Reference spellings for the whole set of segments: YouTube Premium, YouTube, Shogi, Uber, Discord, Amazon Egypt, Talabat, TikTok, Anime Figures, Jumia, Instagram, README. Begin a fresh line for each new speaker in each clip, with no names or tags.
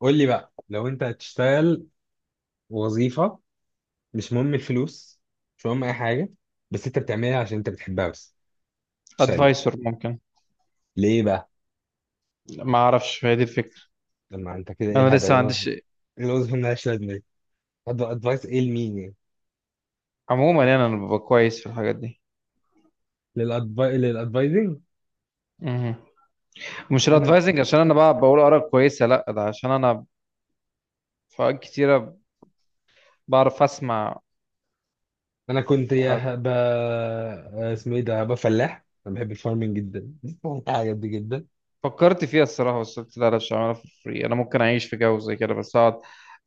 قول لي بقى، لو انت هتشتغل وظيفة، مش مهم الفلوس، مش مهم اي حاجة، بس انت بتعملها عشان انت بتحبها بس، تشتغل ليه؟
ادفايسور ممكن.
ليه بقى؟
ما اعرفش هي دي الفكره.
لما انت كده ايه
انا
الهبل؟
لسه
ايه
ما
الوظيفة؟
عنديش.
ايه الوظيفة مالهاش لازمة دي؟ طب ادفايس ايه لمين يعني؟
عموما يعني انا ببقى كويس في الحاجات دي.
للادفايزنج.
مهم. مش
انا
الادفايزنج عشان انا بقى بقول اراء كويسه، لا ده عشان انا في اوقات كتيره بعرف اسمع.
انا كنت
وف-
يا هبقى، اسمه ايه ده، هبقى فلاح. انا بحب الفارمنج جدا الحاجات دي جدا.
فكرت فيها الصراحه بس قلت لا لا مش هعملها في فري، انا ممكن اعيش في جو زي كده بس اقعد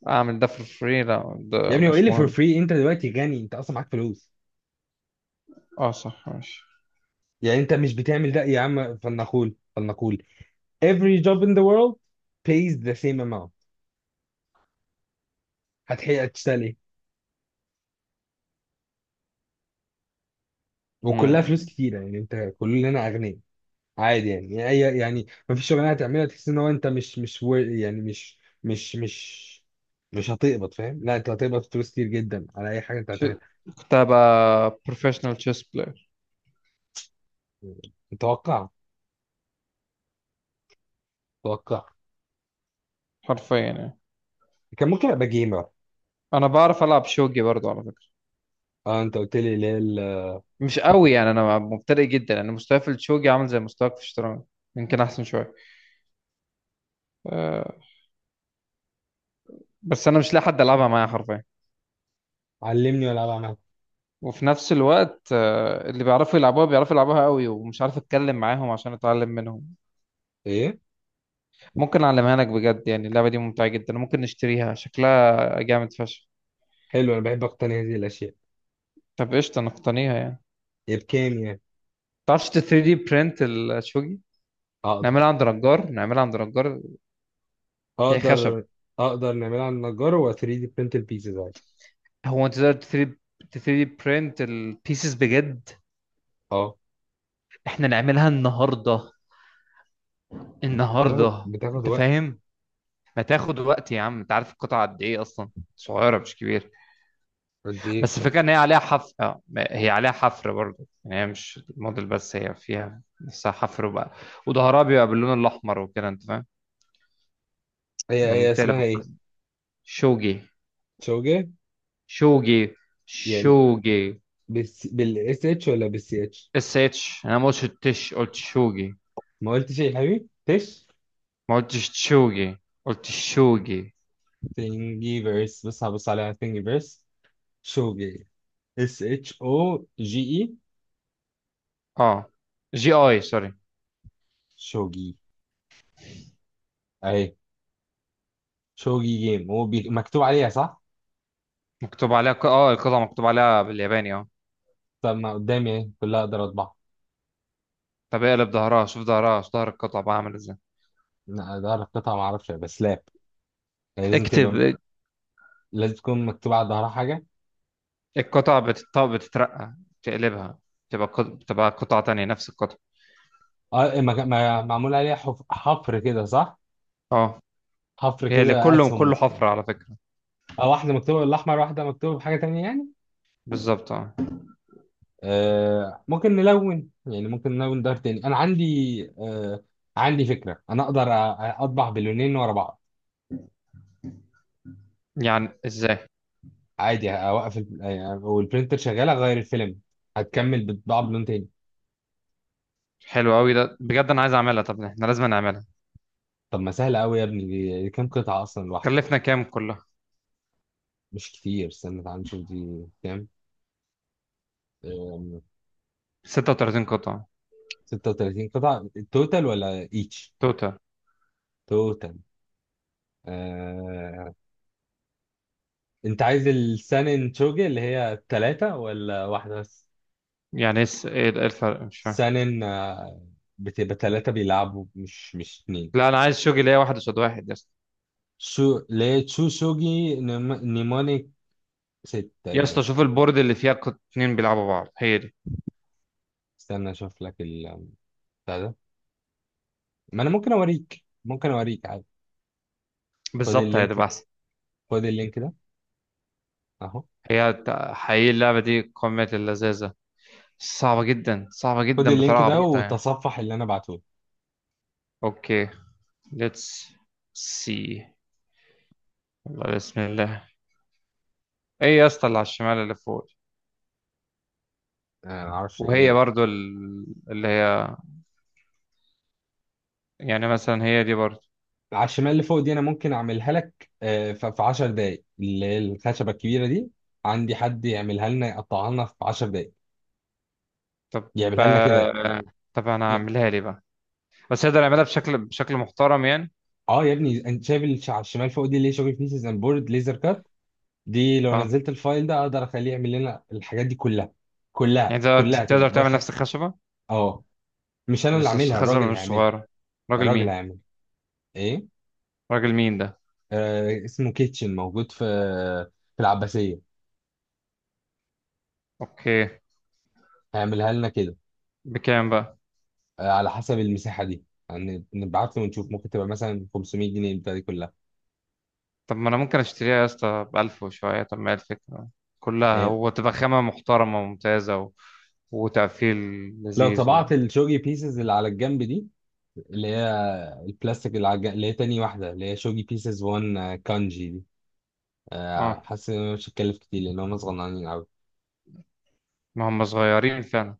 اعمل ده في فري، لا
يا
ده
ابني هو ايه
مش
اللي فور
مهم.
فري؟ انت دلوقتي غني، انت اصلا معاك فلوس،
اه صح ماشي.
يعني انت مش بتعمل ده يا عم. فلنقول فلنقول every job in the world pays the same amount، هتحقق تشتغل ايه؟ وكلها فلوس
مم.
كتيره، يعني انت كلنا اغنياء. عادي يعني، يعني يعني ما فيش شغلانه هتعملها تحس ان هو انت مش مش wor- يعني مش، مش مش هتقبض، فاهم؟ لا، انت هتقبض فلوس كتير جدا على اي حاجه انت
ش-
هتعملها.
كنت هبقى بروفيشنال تشيس بلاير
متوقع، متوقع.
حرفيا يعني.
كان ممكن ابقى جيمر.
انا بعرف العب شوجي برضو على فكره،
اه، انت قلت لي ليه
مش قوي يعني، انا مبتدئ جدا، انا مستواي في الشوجي عامل زي مستواك في الشطرنج، يمكن احسن شويه. أه بس انا مش لاقي حد العبها معايا حرفيا،
علمني والعب عمل
وفي نفس الوقت أه اللي بيعرفوا يلعبوها بيعرفوا يلعبوها قوي ومش عارف اتكلم معاهم عشان اتعلم منهم.
ايه.
ممكن اعلمها لك بجد يعني اللعبه دي ممتعه جدا، ممكن نشتريها، شكلها جامد فشخ.
حلو، انا بحب اقتني هذه الاشياء.
طب قشطه نقتنيها يعني.
هي بكام يعني؟
تعرفش 3 دي برنت الشوجي؟
اقدر،
نعملها عند نجار، نعملها عند نجار. هي خشب.
اقدر اقدر نعملها على النجار و 3 دي print البيزز.
هو انت تقدر 3؟ 3 دي برنت البيسز بجد؟
اه،
احنا نعملها النهارده،
بتاخد
النهارده
بتاخد
انت
وقت.
فاهم. ما تاخد وقت يا عم، انت عارف القطعه قد ايه اصلا؟ صغيره مش كبيره.
قد ايه
بس الفكره ان هي عليها حفر، اه، هي عليها حفر برضه، يعني هي مش موديل بس، هي فيها نفسها حفر وبقى، وظهرها بيبقى باللون الاحمر وكده انت فاهم،
هي
لما
هي
بتقلب
اسمها ايه؟
الكويس. شوجي.
شوجة
شوجي
يعني؟
شوجي
بس بالاس اتش ولا بالسي اتش؟
اس اتش، انا ما قلتش التش، قلت شوجي.
ما قلتش ايه يا حبيبي تش.
ما قلتش تشوجي، قلت شوجي.
تنجيفرس، بس هبص عليها تنجيفرس. شوجة اس اتش او جي اي.
اه جي اي سوري.
شوجي. اهي. شوجي جيم هو مكتوب عليها صح؟
مكتوب عليها اه القطعه مكتوب عليها بالياباني اه.
طب ما قدامي اهي كلها، اقدر اطبعها.
طب اقلب ظهرها، شوف ظهرها، شوف ظهر القطعة بقى عامل ازاي.
لا، اقدر اقطعها، ما اعرفش، بس لاب. يعني لازم تبقى،
اكتب.
لازم تكون مكتوب على ظهرها حاجه.
القطع بتترقى، تقلبها، تبقى بتبقى قطعة تانية نفس القطعة.
اه، معمول عليها حفر كده، صح؟
اه
حفر
هي اللي
كده،
كله
اسهم
كله
مكتوب.
حفرة على فكرة.
او واحده مكتوبه بالاحمر، واحده مكتوبه بحاجه تانية يعني.
بالظبط اه.
آه، ممكن نلون يعني، ممكن نلون دار تاني. انا عندي، آه، عندي فكره، انا اقدر اطبع باللونين ورا بعض.
يعني ازاي؟
عادي، اوقف يعني والبرنتر شغاله، اغير الفيلم، هتكمل بتطبع بلون تاني.
حلو قوي ده بجد، انا عايز اعملها، طب احنا لازم نعملها.
طب ما سهله قوي يا ابني دي كام قطعه اصلا الواحده؟
كلفنا كام كلها؟
مش كتير، استنى تعال نشوف دي كام. آم،
36 قطعة
36 قطعه توتال ولا ايتش؟
توتال.
توتال. انت عايز السانن توجي اللي هي التلاتة ولا واحدة بس؟
يعني ايه ايه الفرق مش فاهم؟
سانن، آه، بتبقى تلاتة بيلعبوا، مش اتنين.
لا انا عايز شغل ليا، واحد قصاد واحد يا اسطى.
شو ليه تشو شوجي نيمونيك. ست
يا اسطى
تقريبا.
شوف البورد اللي فيها اتنين بيلعبوا بعض، هي دي
استنى اشوف لك ال بتاع ده. ما انا ممكن اوريك، ممكن اوريك عادي. خد
بالظبط، هي
اللينك،
تبقى احسن.
خد اللينك ده. اهو.
حقيقي اللعبة دي قمة اللذاذة، صعبة جدا، صعبة
خد
جدا بطريقة
اللينك ده
عبيطة يعني.
وتصفح اللي انا بعته لك.
اوكي. ليتس سي. والله بسم الله. ايه يا اسطى اللي على الشمال اللي فوق؟
انا ما اعرفش
وهي
ايه.
برضو اللي هي، يعني مثلا هي دي برضو.
على الشمال اللي فوق دي انا ممكن اعملها لك، آه، في 10 دقايق، اللي هي الخشبه الكبيره دي. عندي حد يعملها لنا، يقطعها لنا في 10 دقايق،
طب
يعملها لنا كده.
آه، طب انا
ي-
هعملها لي بقى، بس اقدر اعملها بشكل بشكل محترم يعني؟
اه يا ابني، انت شايف اللي على الشمال فوق دي اللي هي شغل بيسز اند بورد ليزر كات؟ دي لو
اه.
نزلت الفايل ده اقدر اخليه يعمل لنا الحاجات دي كلها، كلها
يعني تقدر
كلها كده
تقدر تعمل نفس الخشبة؟
اه. مش انا اللي
بس
عاملها،
الخشبة
الراجل
مش
هيعملها.
صغيرة. راجل
الراجل
مين؟
هيعمل ايه؟
راجل مين ده؟
آه، اسمه كيتشن، موجود في، في العباسيه.
اوكي.
هيعملها لنا كده.
بكام بقى؟
آه، على حسب المساحه دي، يعني نبعت له ونشوف، ممكن تبقى مثلا 500 جنيه البتاعه دي كلها.
طب ما انا ممكن اشتريها يا اسطى بألف وشوية، طب ما هي الفكرة كلها
آه،
هو تبقى خامة محترمة وممتازة و... وتقفيل
لو
لذيذ و...
طبعت الشوجي بيسز اللي على الجنب دي، اللي هي البلاستيك اللي على الجنب، اللي هي تاني واحده اللي هي شوجي بيسز 1 كانجي دي، آه،
اه
حاسس ان أنا مش هتكلف كتير لان هم صغننين قوي.
ما هم صغيرين فعلا،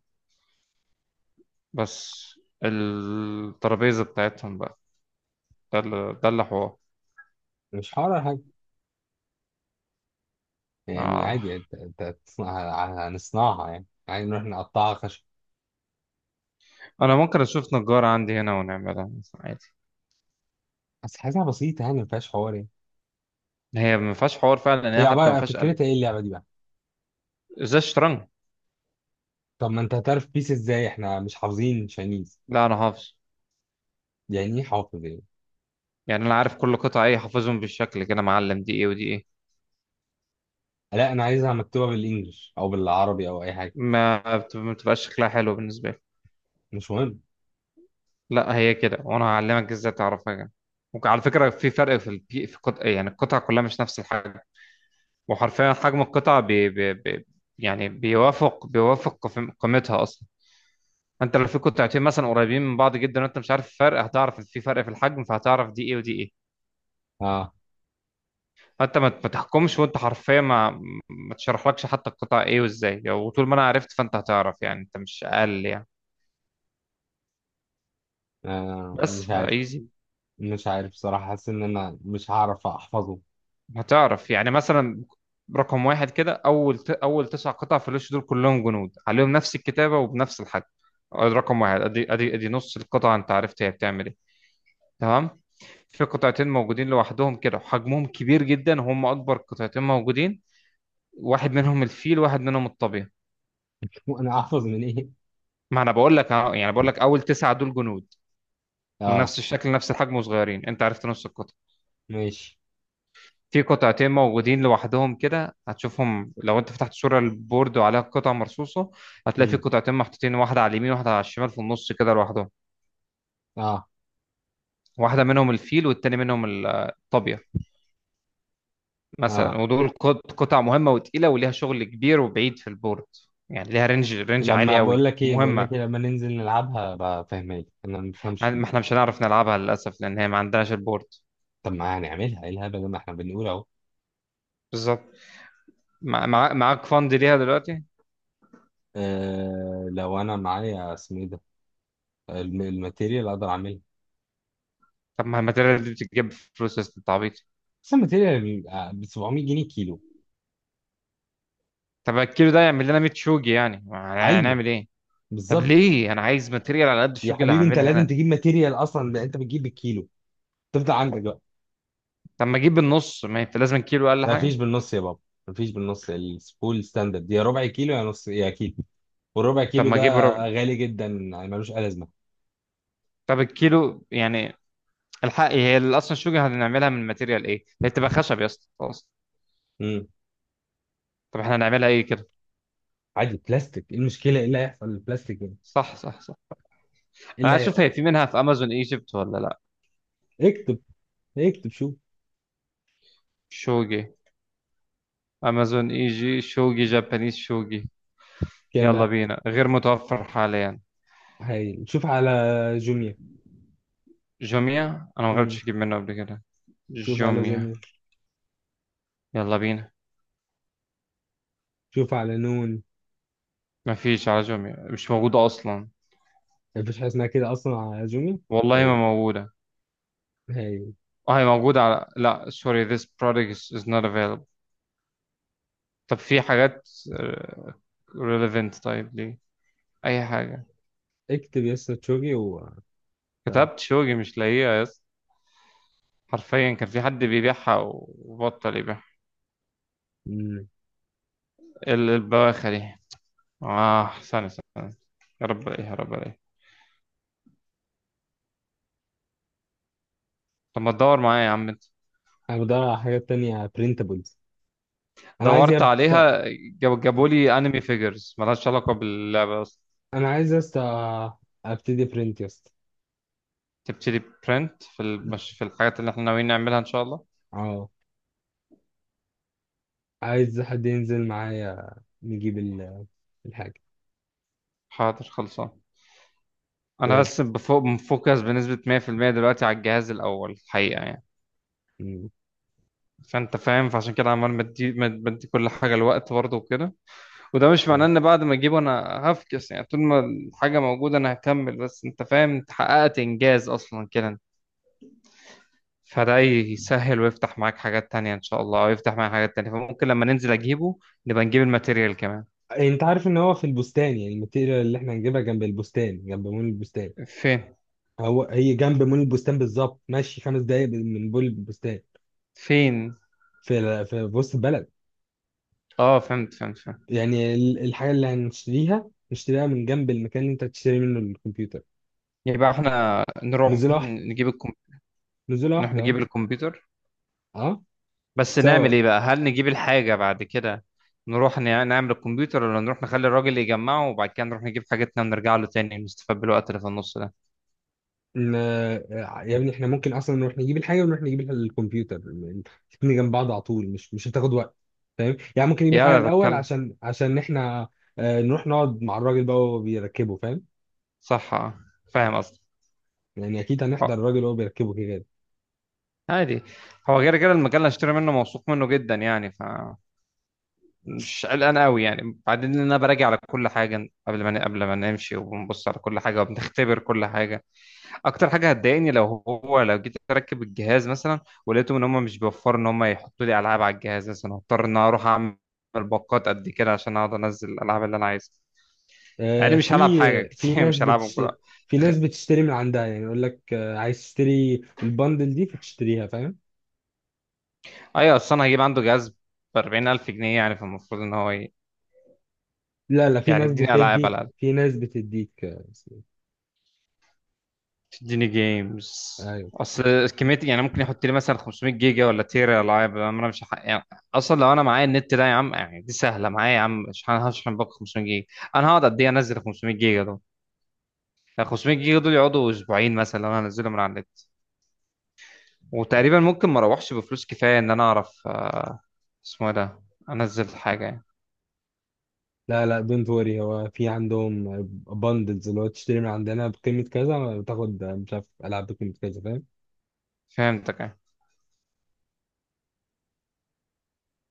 بس الترابيزة بتاعتهم بقى، ده اللي ده اللي حوار.
مش حوار ولا حاجه يعني،
آه.
عادي انت، أنت هتصنعها، هنصنعها يعني عادي، نروح نقطعها خشب.
انا ممكن اشوف نجارة عندي هنا ونعملها مثلا عادي.
بس حاجه بسيطه يعني، ما فيهاش حوار يعني.
هي ما فيهاش حوار فعلا، إن
هي
هي حتى ما
عباره
فيهاش قلب.
فكرتها ايه اللعبه دي بقى؟
ازاي الشطرنج؟
طب ما انت هتعرف بيس ازاي؟ احنا مش حافظين شاينيز.
لا انا حافظ.
يعني ايه حافظ ايه؟
يعني انا عارف كل قطعة ايه، حافظهم بالشكل كده معلم، دي ايه ودي ايه.
لا، انا عايزها مكتوبه بالانجلش او بالعربي او اي حاجه.
ما بتبقاش شكلها حلو بالنسبة لي.
مش مهم.
لا هي كده وانا هعلمك ازاي تعرفها يعني. وعلى فكره في فرق في البي في قط... يعني القطع كلها مش نفس الحجم، وحرفيا حجم القطع بي... بي... بي... يعني بيوافق بيوافق قيمتها اصلا. انت لو في قطعتين مثلا قريبين من بعض جدا وانت مش عارف الفرق، هتعرف ان في فرق في الحجم، فهتعرف دي ايه ودي ايه.
اه.
فانت ما تحكمش، وانت حرفيا ما تشرحلكش حتى القطع ايه وازاي، وطول ما انا عرفت فانت هتعرف يعني، انت مش اقل يعني.
آه،
بس
مش عارف،
فايزي.
مش عارف بصراحه، حاسس ان انا مش هعرف احفظه.
هتعرف يعني مثلا، رقم واحد كده اول تسع قطع في الوش، دول كلهم جنود عليهم نفس الكتابه وبنفس الحجم. آه، رقم واحد ادي ادي ادي نص القطعه، انت عرفت هي بتعمل ايه. تمام. في قطعتين موجودين لوحدهم كده، وحجمهم كبير جدا، وهم اكبر قطعتين موجودين، واحد منهم الفيل واحد منهم الطبيعي.
وانا احفظ من ايه؟
ما انا بقول لك أهو، يعني بقول لك اول تسعه دول جنود،
اه.
ونفس الشكل نفس الحجم وصغيرين، انت عرفت نص القطعه.
ماشي.
في قطعتين موجودين لوحدهم كده، هتشوفهم لو انت فتحت صورة البورد وعليها قطع مرصوصة، هتلاقي في
امم.
قطعتين محطوطين، واحدة على اليمين واحدة على الشمال في النص كده لوحدهم.
اه.
واحدة منهم الفيل والتاني منهم الطابية مثلا،
اه.
ودول قطع مهمة وتقيلة وليها شغل كبير وبعيد في البورد. يعني ليها رينج عالي
لما
قوي
بقول لك ايه بقول
ومهمة.
لك إيه لما ننزل نلعبها بقى، فاهمك، انا ما بفهمش
يعني
كده.
ما احنا مش هنعرف نلعبها للأسف لأن هي ما عندناش البورد.
طب ما هنعملها ايه الهبل ده، ما احنا بنقول اهو.
بالظبط. معاك فند ليها دلوقتي.
آه، لو انا معايا اسمه ايه ده، الماتيريال، اقدر اعملها.
طب ما الماتيريال دي بتتجيب بفلوس يا أستاذ التعبيط.
بس الماتيريال ب 700 جنيه كيلو.
طب الكيلو ده يعمل لنا 100 شوجي يعني، يعني
ايوه،
هنعمل ايه؟ طب
بالظبط.
ليه، انا عايز ماتيريال على قد
يا
الشغل اللي
حبيبي انت
هعملها
لازم
انا.
تجيب ماتيريال اصلا، ده انت بتجيب بالكيلو. تفضل عندك بقى.
طب ما اجيب النص، ما انت لازم كيلو اقل
ما فيش
حاجه.
بالنص يا بابا. ما فيش بالنص، السبول ستاندرد يا ربع كيلو يا نص يا كيلو. والربع
طب
كيلو
ما
ده
اجيب ربع.
غالي جدا، يعني ملوش اي لازمه.
طب الكيلو يعني. الحق هي اصلا الشغل هنعملها من ماتيريال ايه، هي تبقى خشب يا اسطى خلاص.
امم.
طب احنا هنعملها ايه كده؟
عادي بلاستيك، ايه المشكله؟ ايه اللي هيحصل للبلاستيك يعني؟
صح صح صح.
ايه
انا
اللي
عايز اشوف
هيحصل؟
هي في منها في امازون ايجيبت ولا لا.
اكتب، اكتب شوف.
شوجي. امازون ايجي شوجي جابانيز شوجي.
كام
يلا
بقى؟
بينا. غير متوفر حاليا.
هاي، شوف على جوميا.
جوميا، انا ما
امم.
جربتش اجيب منه قبل كده.
شوف على
جوميا.
جوميا،
يلا بينا.
شوف على نون.
مفيش على جوميا، مش موجودة أصلا.
ما فيش حاجه اسمها كده اصلا على جوميا.
والله ما
هاي،
موجودة.
هاي.
اه هي موجودة، على لا sorry, this product is, is not available. طب في حاجات آه، relevant؟ طيب ليه؟ أي حاجة.
اكتب يس تشوجي و طيب.
كتبت شوقي مش لاقيها يس. حرفيا كان في حد بيبيعها وبطل يبيعها.
مم.
البواخة دي. اه ثانية ثانية. يا رب ايه، يا رب ايه. طب ما تدور معايا يا عم انت.
انا بدور على حاجات تانية printables. انا عايز
دورت عليها. جاب جابوا لي انمي فيجرز ملهاش علاقة باللعبة اصلا.
انا عايز يا اسطى، ابتدي print يا اسطى.
تبتدي برنت في في الحاجات اللي احنا ناويين نعملها ان شاء الله.
اه. عايز حد ينزل معايا نجيب الحاجة.
حاضر خلصان. انا
بجد.
بس بفوق مفوكس بنسبة 100% دلوقتي على الجهاز الاول الحقيقة يعني.
م.
فانت فاهم، فعشان كده عمال بدي كل حاجة الوقت برضه وكده. وده مش معناه
آه.
ان بعد ما اجيبه انا هفكس، يعني طول ما الحاجة موجودة انا هكمل، بس انت فاهم انت حققت انجاز اصلا كده، فده يسهل ويفتح معاك حاجات تانية ان شاء الله، ويفتح معاك حاجات تانية. فممكن لما ننزل اجيبه، نبقى نجيب الماتيريال كمان.
انت عارف ان هو في البستان؟ يعني الماتيريال اللي احنا هنجيبها جنب البستان، جنب مول البستان.
فين؟
هو هي جنب مول البستان بالظبط، ماشي 5 دقايق من مول البستان.
فين؟
في، في وسط البلد.
اه فهمت فهمت فهمت.
يعني الحاجة اللي هنشتريها نشتريها من جنب المكان اللي انت هتشتري منه الكمبيوتر.
يبقى احنا نروح
نزولة واحدة،
نجيب
نزولة
نروح
واحدة.
نجيب الكمبيوتر،
اه.
بس نعمل
سوا.
ايه بقى؟ هل نجيب الحاجة بعد كده، نروح نعمل الكمبيوتر، ولا نروح نخلي الراجل يجمعه وبعد كده نروح نجيب حاجتنا ونرجع له تاني نستفاد بالوقت اللي في النص ده؟
ان آه، يا ابني احنا ممكن اصلا نروح نجيب الحاجه ونروح نجيب الكمبيوتر الاثنين جنب بعض على طول، مش هتاخد وقت. فاهم يعني؟ ممكن نجيب
يا
الحاجه
انا
الاول
بتكلم.
عشان، عشان احنا، آه، نروح نقعد مع الراجل بقى وهو بيركبه، فاهم؟
صح اه. فاهم قصدي.
يعني اكيد هنحضر
اه.
الراجل وهو بيركبه كده.
عادي. هو غير كده المجال اللي هشتري منه موثوق منه جدا يعني، فمش قلقان قوي يعني. بعدين إن انا براجع على كل حاجة قبل ما قبل ما نمشي، وبنبص على كل حاجة وبنختبر كل حاجة. اكتر حاجه هتضايقني لو هو، لو جيت اركب الجهاز مثلا ولقيتهم ان هم مش بيوفروا ان هم يحطوا لي العاب على الجهاز مثلا، هضطر ان أنا اروح اعمل باقات قد كده عشان اقعد انزل الالعاب اللي انا عايزها.
آه،
يعني مش
في،
هلعب حاجه
في
كتير،
ناس
مش هلعبهم
بتش
كلها.
في ناس بتشتري من عندها، يعني يقول لك، آه، عايز تشتري البندل دي فتشتريها، فاهم؟
ايوه اصل انا هجيب عنده جهاز ب 40000 جنيه يعني، فالمفروض ان هو
لا لا، في
يعني
ناس
يديني العاب على
بتديك،
الاقل،
في ناس بتديك، آه، اسمه
تديني جيمز.
إيه؟ أيوه.
اصل كميه يعني، ممكن يحط لي مثلا 500 جيجا ولا تيرا العاب، انا مش يعني اصلا لو انا معايا النت ده يا عم، يعني دي سهله معايا يا عم، مش هشحن باقي 500 جيجا، انا هقعد قد ايه انزل 500 جيجا دول؟ يعني 500 جيجا دول يقعدوا اسبوعين مثلا لو انا هنزلهم من على النت. وتقريبا ممكن ما اروحش بفلوس كفايه ان انا اعرف آه، اسمه إيه ده، انزل حاجه يعني.
لا لا، دونت وري، هو في عندهم بندلز، اللي هو تشتري من عندنا بقيمة كذا بتاخد مش عارف ألعاب بقيمة كذا، فاهم؟
فهمتك يعني.